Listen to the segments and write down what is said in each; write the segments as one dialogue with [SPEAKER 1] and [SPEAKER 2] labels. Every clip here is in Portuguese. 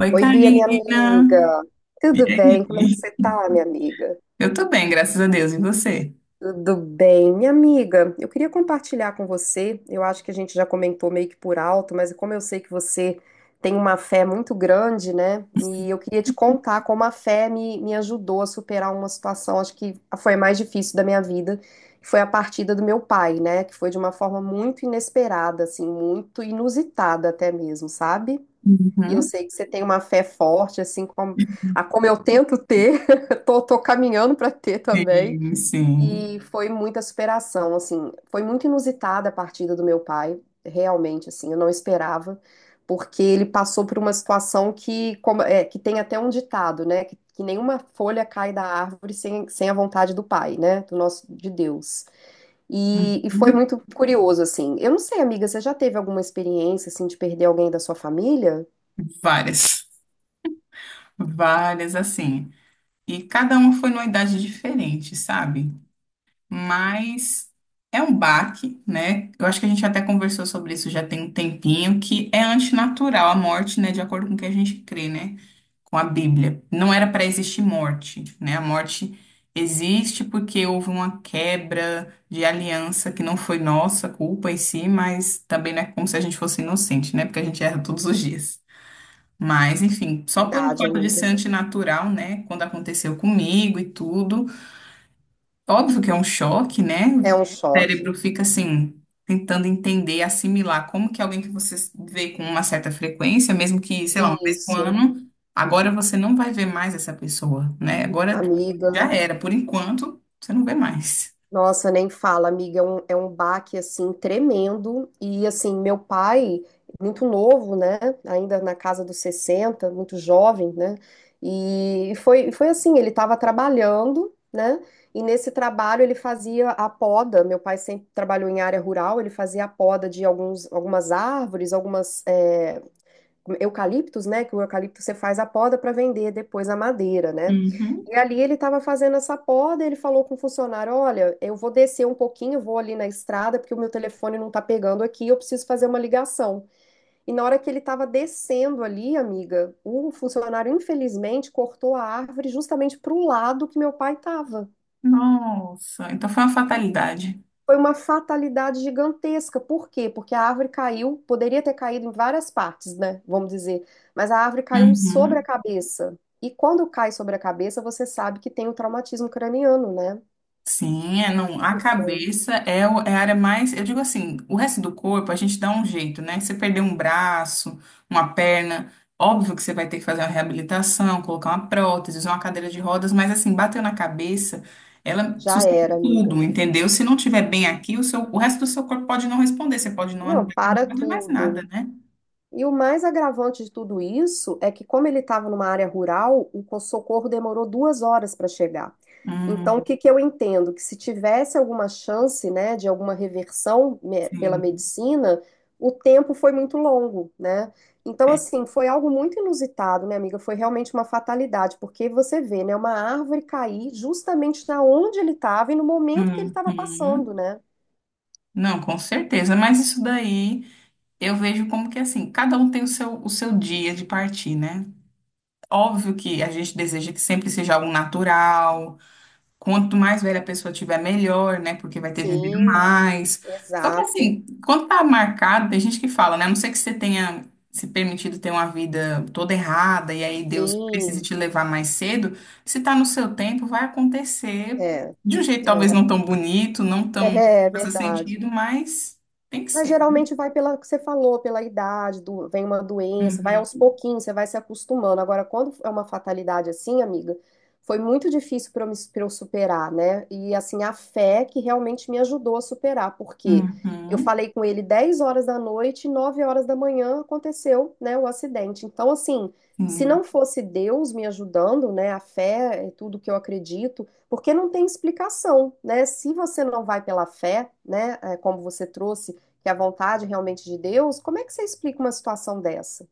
[SPEAKER 1] Oi,
[SPEAKER 2] Oi, Bia, minha
[SPEAKER 1] Karina.
[SPEAKER 2] amiga.
[SPEAKER 1] E
[SPEAKER 2] Tudo bem? Como é que
[SPEAKER 1] aí?
[SPEAKER 2] você tá, minha amiga?
[SPEAKER 1] Eu tô bem, graças a Deus. E você?
[SPEAKER 2] Tudo bem, minha amiga. Eu queria compartilhar com você. Eu acho que a gente já comentou meio que por alto, mas como eu sei que você tem uma fé muito grande, né? E eu queria te contar como a fé me ajudou a superar uma situação, acho que foi a mais difícil da minha vida, que foi a partida do meu pai, né? Que foi de uma forma muito inesperada, assim, muito inusitada até mesmo, sabe? E eu
[SPEAKER 1] Uhum.
[SPEAKER 2] sei que você tem uma fé forte, assim como, a como eu tento ter, tô caminhando para ter também.
[SPEAKER 1] Sim, sim.
[SPEAKER 2] E foi muita superação, assim, foi muito inusitada a partida do meu pai, realmente, assim, eu não esperava, porque ele passou por uma situação que, que, tem até um ditado, né, que nenhuma folha cai da árvore sem a vontade do pai, né, do nosso, de Deus. E foi muito curioso, assim. Eu não sei, amiga, você já teve alguma experiência, assim, de perder alguém da sua família?
[SPEAKER 1] Várias. Várias, assim. E cada uma foi numa idade diferente, sabe? Mas é um baque, né? Eu acho que a gente até conversou sobre isso já tem um tempinho, que é antinatural a morte, né? De acordo com o que a gente crê, né? Com a Bíblia. Não era para existir morte, né? A morte existe porque houve uma quebra de aliança que não foi nossa culpa em si, mas também não é como se a gente fosse inocente, né? Porque a gente erra todos os dias. Mas, enfim, só pelo
[SPEAKER 2] Verdade,
[SPEAKER 1] fato de
[SPEAKER 2] amiga.
[SPEAKER 1] ser antinatural, né? Quando aconteceu comigo e tudo. Óbvio que é um choque, né? O
[SPEAKER 2] É um
[SPEAKER 1] cérebro
[SPEAKER 2] choque.
[SPEAKER 1] fica assim, tentando entender, assimilar como que alguém que você vê com uma certa frequência, mesmo que, sei lá, uma vez por
[SPEAKER 2] Isso,
[SPEAKER 1] ano, agora você não vai ver mais essa pessoa, né? Agora
[SPEAKER 2] amiga.
[SPEAKER 1] já era, por enquanto, você não vê mais.
[SPEAKER 2] Nossa, nem fala, amiga. É um baque, assim, tremendo. E, assim, meu pai, muito novo, né? Ainda na casa dos 60, muito jovem, né? E foi, foi assim: ele estava trabalhando, né? E nesse trabalho ele fazia a poda. Meu pai sempre trabalhou em área rural, ele fazia a poda de algumas árvores, eucaliptos, né? Que o eucalipto você faz a poda para vender depois a madeira, né?
[SPEAKER 1] Uhum.
[SPEAKER 2] E ali ele estava fazendo essa poda, ele falou com o funcionário: Olha, eu vou descer um pouquinho, vou ali na estrada, porque o meu telefone não tá pegando aqui, eu preciso fazer uma ligação. E na hora que ele estava descendo ali, amiga, o funcionário infelizmente cortou a árvore justamente para o lado que meu pai estava.
[SPEAKER 1] Nossa, então foi uma fatalidade.
[SPEAKER 2] Foi uma fatalidade gigantesca. Por quê? Porque a árvore caiu, poderia ter caído em várias partes, né? Vamos dizer. Mas a árvore caiu sobre
[SPEAKER 1] Uhum.
[SPEAKER 2] a cabeça. E quando cai sobre a cabeça, você sabe que tem um traumatismo craniano, né?
[SPEAKER 1] Sim, é, não, a
[SPEAKER 2] E foi.
[SPEAKER 1] cabeça é, é a área mais, eu digo assim, o resto do corpo a gente dá um jeito, né? Você perder um braço, uma perna, óbvio que você vai ter que fazer uma reabilitação, colocar uma prótese, usar uma cadeira de rodas, mas assim, bateu na cabeça, ela
[SPEAKER 2] Já
[SPEAKER 1] suscita
[SPEAKER 2] era, amiga.
[SPEAKER 1] tudo, entendeu? Se não tiver bem aqui, o seu, o resto do seu corpo pode não responder, você pode não andar,
[SPEAKER 2] Não,
[SPEAKER 1] não
[SPEAKER 2] para
[SPEAKER 1] fazer mais nada,
[SPEAKER 2] tudo.
[SPEAKER 1] né?
[SPEAKER 2] E o mais agravante de tudo isso é que, como ele estava numa área rural, o socorro demorou 2 horas para chegar. Então, o
[SPEAKER 1] Hum,
[SPEAKER 2] que que eu entendo? Que se tivesse alguma chance, né, de alguma reversão pela
[SPEAKER 1] sim.
[SPEAKER 2] medicina, o tempo foi muito longo, né? Então,
[SPEAKER 1] É.
[SPEAKER 2] assim, foi algo muito inusitado, minha amiga. Foi realmente uma fatalidade, porque você vê, né, uma árvore cair justamente na onde ele estava e no momento que ele
[SPEAKER 1] Uhum.
[SPEAKER 2] estava passando, né?
[SPEAKER 1] Não, com certeza, mas isso daí. Eu vejo como que assim, cada um tem o seu dia de partir, né? Óbvio que a gente deseja que sempre seja algo natural. Quanto mais velha a pessoa tiver, melhor, né? Porque vai ter vivido
[SPEAKER 2] Sim,
[SPEAKER 1] mais. Só que
[SPEAKER 2] exato.
[SPEAKER 1] assim, quando tá marcado, tem gente que fala, né? A não ser que você tenha se permitido ter uma vida toda errada e aí Deus precise
[SPEAKER 2] Sim,
[SPEAKER 1] te levar mais cedo, se tá no seu tempo, vai acontecer
[SPEAKER 2] é.
[SPEAKER 1] de um jeito talvez
[SPEAKER 2] É.
[SPEAKER 1] não tão bonito, não tão
[SPEAKER 2] É, é
[SPEAKER 1] faça
[SPEAKER 2] verdade.
[SPEAKER 1] sentido, mas tem que
[SPEAKER 2] Mas
[SPEAKER 1] ser.
[SPEAKER 2] geralmente vai pela que você falou, pela idade, vem uma doença, vai
[SPEAKER 1] Uhum,
[SPEAKER 2] aos pouquinhos, você vai se acostumando. Agora, quando é uma fatalidade assim, amiga, foi muito difícil pra eu superar, né? E assim, a fé que realmente me ajudou a superar, porque eu
[SPEAKER 1] uhum.
[SPEAKER 2] falei com ele 10 horas da noite, 9 horas da manhã aconteceu, né, o acidente. Então, assim, se
[SPEAKER 1] Sim.
[SPEAKER 2] não fosse Deus me ajudando, né, a fé é tudo que eu acredito, porque não tem explicação, né? Se você não vai pela fé, né, é, como você trouxe que é a vontade realmente de Deus, como é que você explica uma situação dessa?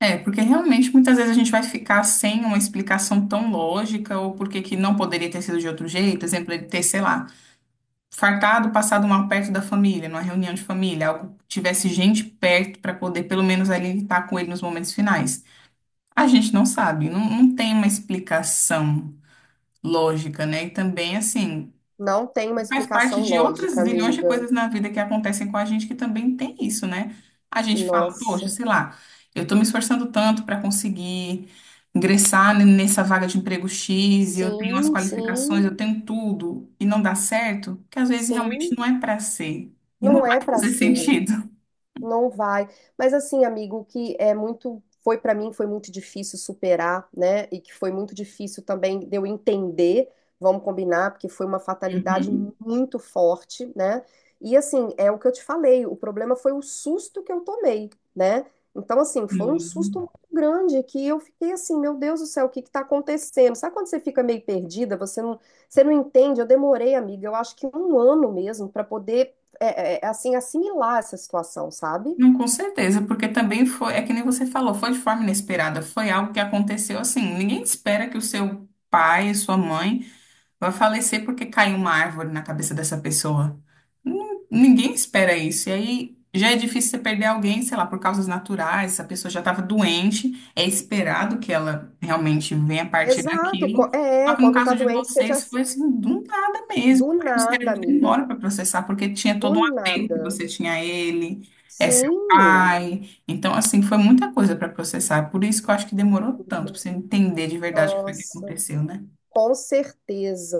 [SPEAKER 1] É, porque realmente muitas vezes a gente vai ficar sem uma explicação tão lógica ou porque que não poderia ter sido de outro jeito. Exemplo, ele ter, sei lá, fartado, passado mal perto da família, numa reunião de família, algo que tivesse gente perto para poder pelo menos ali estar com ele nos momentos finais. A gente não sabe, não, não tem uma explicação lógica, né? E também, assim,
[SPEAKER 2] Não tem uma
[SPEAKER 1] faz parte
[SPEAKER 2] explicação
[SPEAKER 1] de outras
[SPEAKER 2] lógica,
[SPEAKER 1] zilhões de
[SPEAKER 2] amiga.
[SPEAKER 1] coisas na vida que acontecem com a gente que também tem isso, né? A gente fala, poxa,
[SPEAKER 2] Nossa.
[SPEAKER 1] sei lá, eu tô me esforçando tanto para conseguir ingressar nessa vaga de emprego X, e eu tenho as
[SPEAKER 2] Sim,
[SPEAKER 1] qualificações,
[SPEAKER 2] sim,
[SPEAKER 1] eu tenho tudo, e não dá certo, que às vezes realmente
[SPEAKER 2] sim.
[SPEAKER 1] não é para ser. E não
[SPEAKER 2] Não é
[SPEAKER 1] vai
[SPEAKER 2] para
[SPEAKER 1] fazer
[SPEAKER 2] ser.
[SPEAKER 1] sentido.
[SPEAKER 2] Não vai. Mas assim, amigo, o que é muito foi para mim foi muito difícil superar, né? E que foi muito difícil também de eu entender, vamos combinar, porque foi uma fatalidade
[SPEAKER 1] Uhum.
[SPEAKER 2] muito forte, né? E assim, é o que eu te falei, o problema foi o susto que eu tomei, né? Então assim, foi um
[SPEAKER 1] Uhum.
[SPEAKER 2] susto muito grande que eu fiquei assim, meu Deus do céu, o que que tá acontecendo? Sabe quando você fica meio perdida, você não entende? Eu demorei, amiga, eu acho que um ano mesmo para poder assim, assimilar essa situação, sabe?
[SPEAKER 1] Não, com certeza, porque também foi, é que nem você falou, foi de forma inesperada, foi algo que aconteceu assim. Ninguém espera que o seu pai, sua mãe vai falecer porque caiu uma árvore na cabeça dessa pessoa. Ninguém espera isso. E aí já é difícil você perder alguém, sei lá, por causas naturais. Essa pessoa já estava doente, é esperado que ela realmente venha a partir
[SPEAKER 2] Exato,
[SPEAKER 1] daquilo. Só que no
[SPEAKER 2] quando tá
[SPEAKER 1] caso de
[SPEAKER 2] doente, seja
[SPEAKER 1] vocês, foi assim, do nada mesmo.
[SPEAKER 2] do
[SPEAKER 1] Aí o
[SPEAKER 2] nada,
[SPEAKER 1] cérebro
[SPEAKER 2] amiga,
[SPEAKER 1] demora para processar, porque tinha
[SPEAKER 2] do
[SPEAKER 1] todo um apego que
[SPEAKER 2] nada.
[SPEAKER 1] você tinha a ele, é seu
[SPEAKER 2] Sim,
[SPEAKER 1] pai. Então, assim, foi muita coisa para processar. Por isso que eu acho que demorou tanto para você entender de verdade o que foi que
[SPEAKER 2] nossa.
[SPEAKER 1] aconteceu, né?
[SPEAKER 2] Com certeza.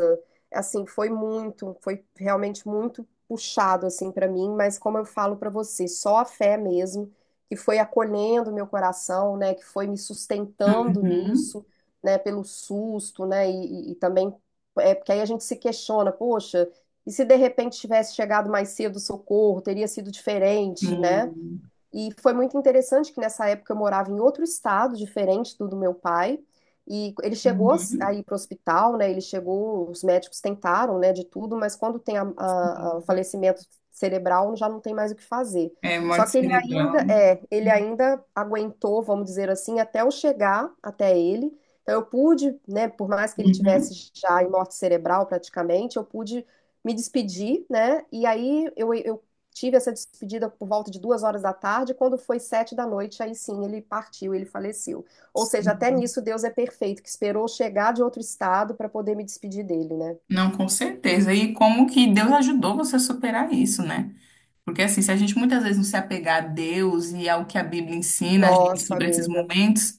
[SPEAKER 2] Assim, foi muito, foi realmente muito puxado assim para mim, mas como eu falo para você, só a fé mesmo que foi acolhendo meu coração, né, que foi me sustentando
[SPEAKER 1] Uhum.
[SPEAKER 2] nisso, né, pelo susto, né, e também é porque aí a gente se questiona, poxa, e se de repente tivesse chegado mais cedo o socorro, teria sido diferente, né?
[SPEAKER 1] Hum,
[SPEAKER 2] E foi muito interessante que nessa época eu morava em outro estado, diferente do meu pai. E ele chegou a
[SPEAKER 1] uhum,
[SPEAKER 2] ir para o hospital, né? Ele chegou, os médicos tentaram, né, de tudo, mas quando tem a, o
[SPEAKER 1] sim.
[SPEAKER 2] falecimento cerebral, já não tem mais o que fazer.
[SPEAKER 1] É,
[SPEAKER 2] Só
[SPEAKER 1] morte
[SPEAKER 2] que ele ainda,
[SPEAKER 1] cerebral.
[SPEAKER 2] é, ele ainda aguentou, vamos dizer assim, até eu chegar até ele. Então eu pude, né, por mais que ele
[SPEAKER 1] Uhum,
[SPEAKER 2] tivesse já em morte cerebral praticamente, eu pude me despedir, né? E aí eu tive essa despedida por volta de 2 horas da tarde, quando foi 7 da noite, aí sim ele partiu, ele faleceu. Ou seja, até
[SPEAKER 1] sim.
[SPEAKER 2] nisso Deus é perfeito, que esperou chegar de outro estado para poder me despedir dele, né?
[SPEAKER 1] Não, com certeza. E como que Deus ajudou você a superar isso, né? Porque assim, se a gente muitas vezes não se apegar a Deus e ao que a Bíblia ensina a gente
[SPEAKER 2] Nossa,
[SPEAKER 1] sobre esses
[SPEAKER 2] amiga,
[SPEAKER 1] momentos,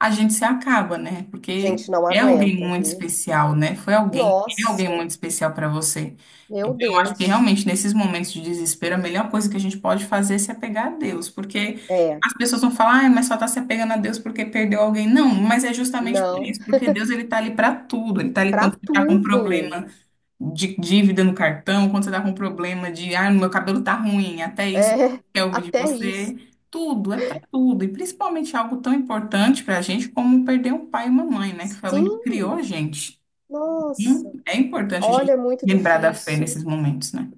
[SPEAKER 1] a gente se acaba, né? Porque
[SPEAKER 2] gente não
[SPEAKER 1] é alguém
[SPEAKER 2] aguenta,
[SPEAKER 1] muito
[SPEAKER 2] viu?
[SPEAKER 1] especial, né? Foi alguém, é alguém
[SPEAKER 2] Nossa,
[SPEAKER 1] muito especial para você.
[SPEAKER 2] meu
[SPEAKER 1] Então, eu acho que
[SPEAKER 2] Deus.
[SPEAKER 1] realmente nesses momentos de desespero, a melhor coisa que a gente pode fazer é se apegar a Deus, porque
[SPEAKER 2] É,
[SPEAKER 1] as pessoas vão falar, ah, mas só tá se apegando a Deus porque perdeu alguém. Não, mas é justamente por
[SPEAKER 2] não,
[SPEAKER 1] isso, porque Deus ele tá ali para tudo, ele tá ali quando
[SPEAKER 2] para
[SPEAKER 1] você tá com
[SPEAKER 2] tudo.
[SPEAKER 1] problema de dívida no cartão, quando você tá com problema de, ah, meu cabelo tá ruim, até isso
[SPEAKER 2] É,
[SPEAKER 1] quer ouvir de
[SPEAKER 2] até
[SPEAKER 1] você.
[SPEAKER 2] isso.
[SPEAKER 1] Tudo, é pra tudo. E principalmente algo tão importante pra gente como perder um pai e uma mãe, né? Que foi alguém que criou
[SPEAKER 2] Sim,
[SPEAKER 1] a gente.
[SPEAKER 2] nossa,
[SPEAKER 1] É importante a
[SPEAKER 2] olha,
[SPEAKER 1] gente
[SPEAKER 2] é muito
[SPEAKER 1] lembrar da fé
[SPEAKER 2] difícil.
[SPEAKER 1] nesses momentos, né?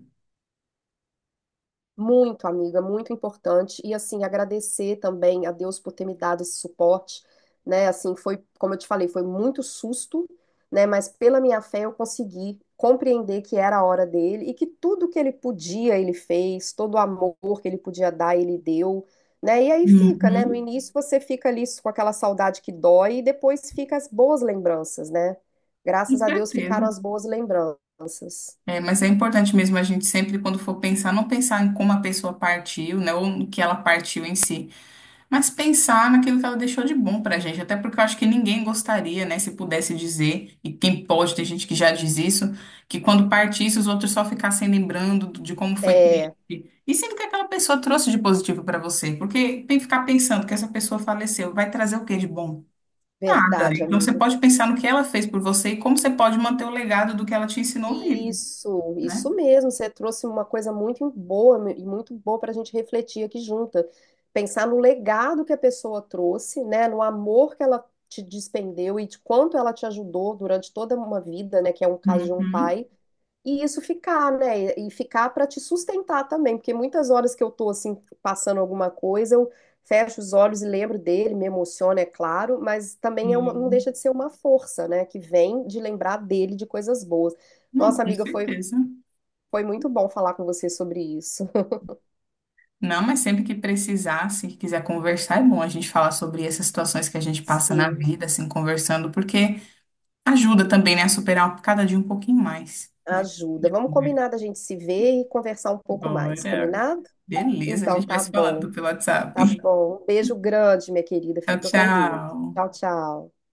[SPEAKER 2] Muito, amiga, muito importante. E assim, agradecer também a Deus por ter me dado esse suporte, né? Assim, foi, como eu te falei, foi muito susto, né? Mas pela minha fé eu consegui compreender que era a hora dele e que tudo que ele podia, ele fez, todo o amor que ele podia dar, ele deu, né? E aí fica, né? No
[SPEAKER 1] Uhum,
[SPEAKER 2] início você fica ali com aquela saudade que dói e depois fica as boas lembranças, né?
[SPEAKER 1] com
[SPEAKER 2] Graças a Deus ficaram
[SPEAKER 1] certeza.
[SPEAKER 2] as boas lembranças.
[SPEAKER 1] É, mas é importante mesmo a gente sempre, quando for pensar, não pensar em como a pessoa partiu, né? Ou no que ela partiu em si. Mas pensar naquilo que ela deixou de bom pra gente, até porque eu acho que ninguém gostaria, né, se pudesse dizer, e quem pode, tem gente que já diz isso, que quando partisse os outros só ficassem lembrando de como foi triste.
[SPEAKER 2] É
[SPEAKER 1] E sendo que aquela pessoa trouxe de positivo pra você, porque tem que ficar pensando que essa pessoa faleceu, vai trazer o que de bom? Nada.
[SPEAKER 2] verdade,
[SPEAKER 1] Então você
[SPEAKER 2] amiga.
[SPEAKER 1] pode pensar no que ela fez por você e como você pode manter o legado do que ela te ensinou vivo,
[SPEAKER 2] Isso
[SPEAKER 1] né?
[SPEAKER 2] mesmo. Você trouxe uma coisa muito boa e muito boa para a gente refletir aqui junta. Pensar no legado que a pessoa trouxe, né? No amor que ela te despendeu e de quanto ela te ajudou durante toda uma vida, né? Que é um caso de um
[SPEAKER 1] Uhum.
[SPEAKER 2] pai. E isso ficar, né? E ficar para te sustentar também, porque muitas horas que eu tô assim passando alguma coisa, eu fecho os olhos e lembro dele, me emociona, é claro, mas também é não
[SPEAKER 1] Sim.
[SPEAKER 2] deixa de ser uma força, né? Que vem de lembrar dele de coisas boas.
[SPEAKER 1] Não,
[SPEAKER 2] Nossa,
[SPEAKER 1] com
[SPEAKER 2] amiga, foi,
[SPEAKER 1] certeza.
[SPEAKER 2] foi muito bom falar com você sobre isso.
[SPEAKER 1] Não, mas sempre que precisar, se quiser conversar, é bom a gente falar sobre essas situações que a gente passa na
[SPEAKER 2] Sim,
[SPEAKER 1] vida, assim, conversando, porque ajuda também, né, a superar cada dia um pouquinho mais, né? A
[SPEAKER 2] ajuda.
[SPEAKER 1] gente
[SPEAKER 2] Vamos
[SPEAKER 1] conversa.
[SPEAKER 2] combinar da gente se ver e conversar um pouco mais,
[SPEAKER 1] Bora.
[SPEAKER 2] combinado?
[SPEAKER 1] Beleza, a
[SPEAKER 2] Então
[SPEAKER 1] gente vai
[SPEAKER 2] tá
[SPEAKER 1] se
[SPEAKER 2] bom,
[SPEAKER 1] falando pelo WhatsApp.
[SPEAKER 2] tá bom. Beijo grande, minha querida.
[SPEAKER 1] Tchau,
[SPEAKER 2] Fica com Deus. Tchau,
[SPEAKER 1] tchau.
[SPEAKER 2] tchau.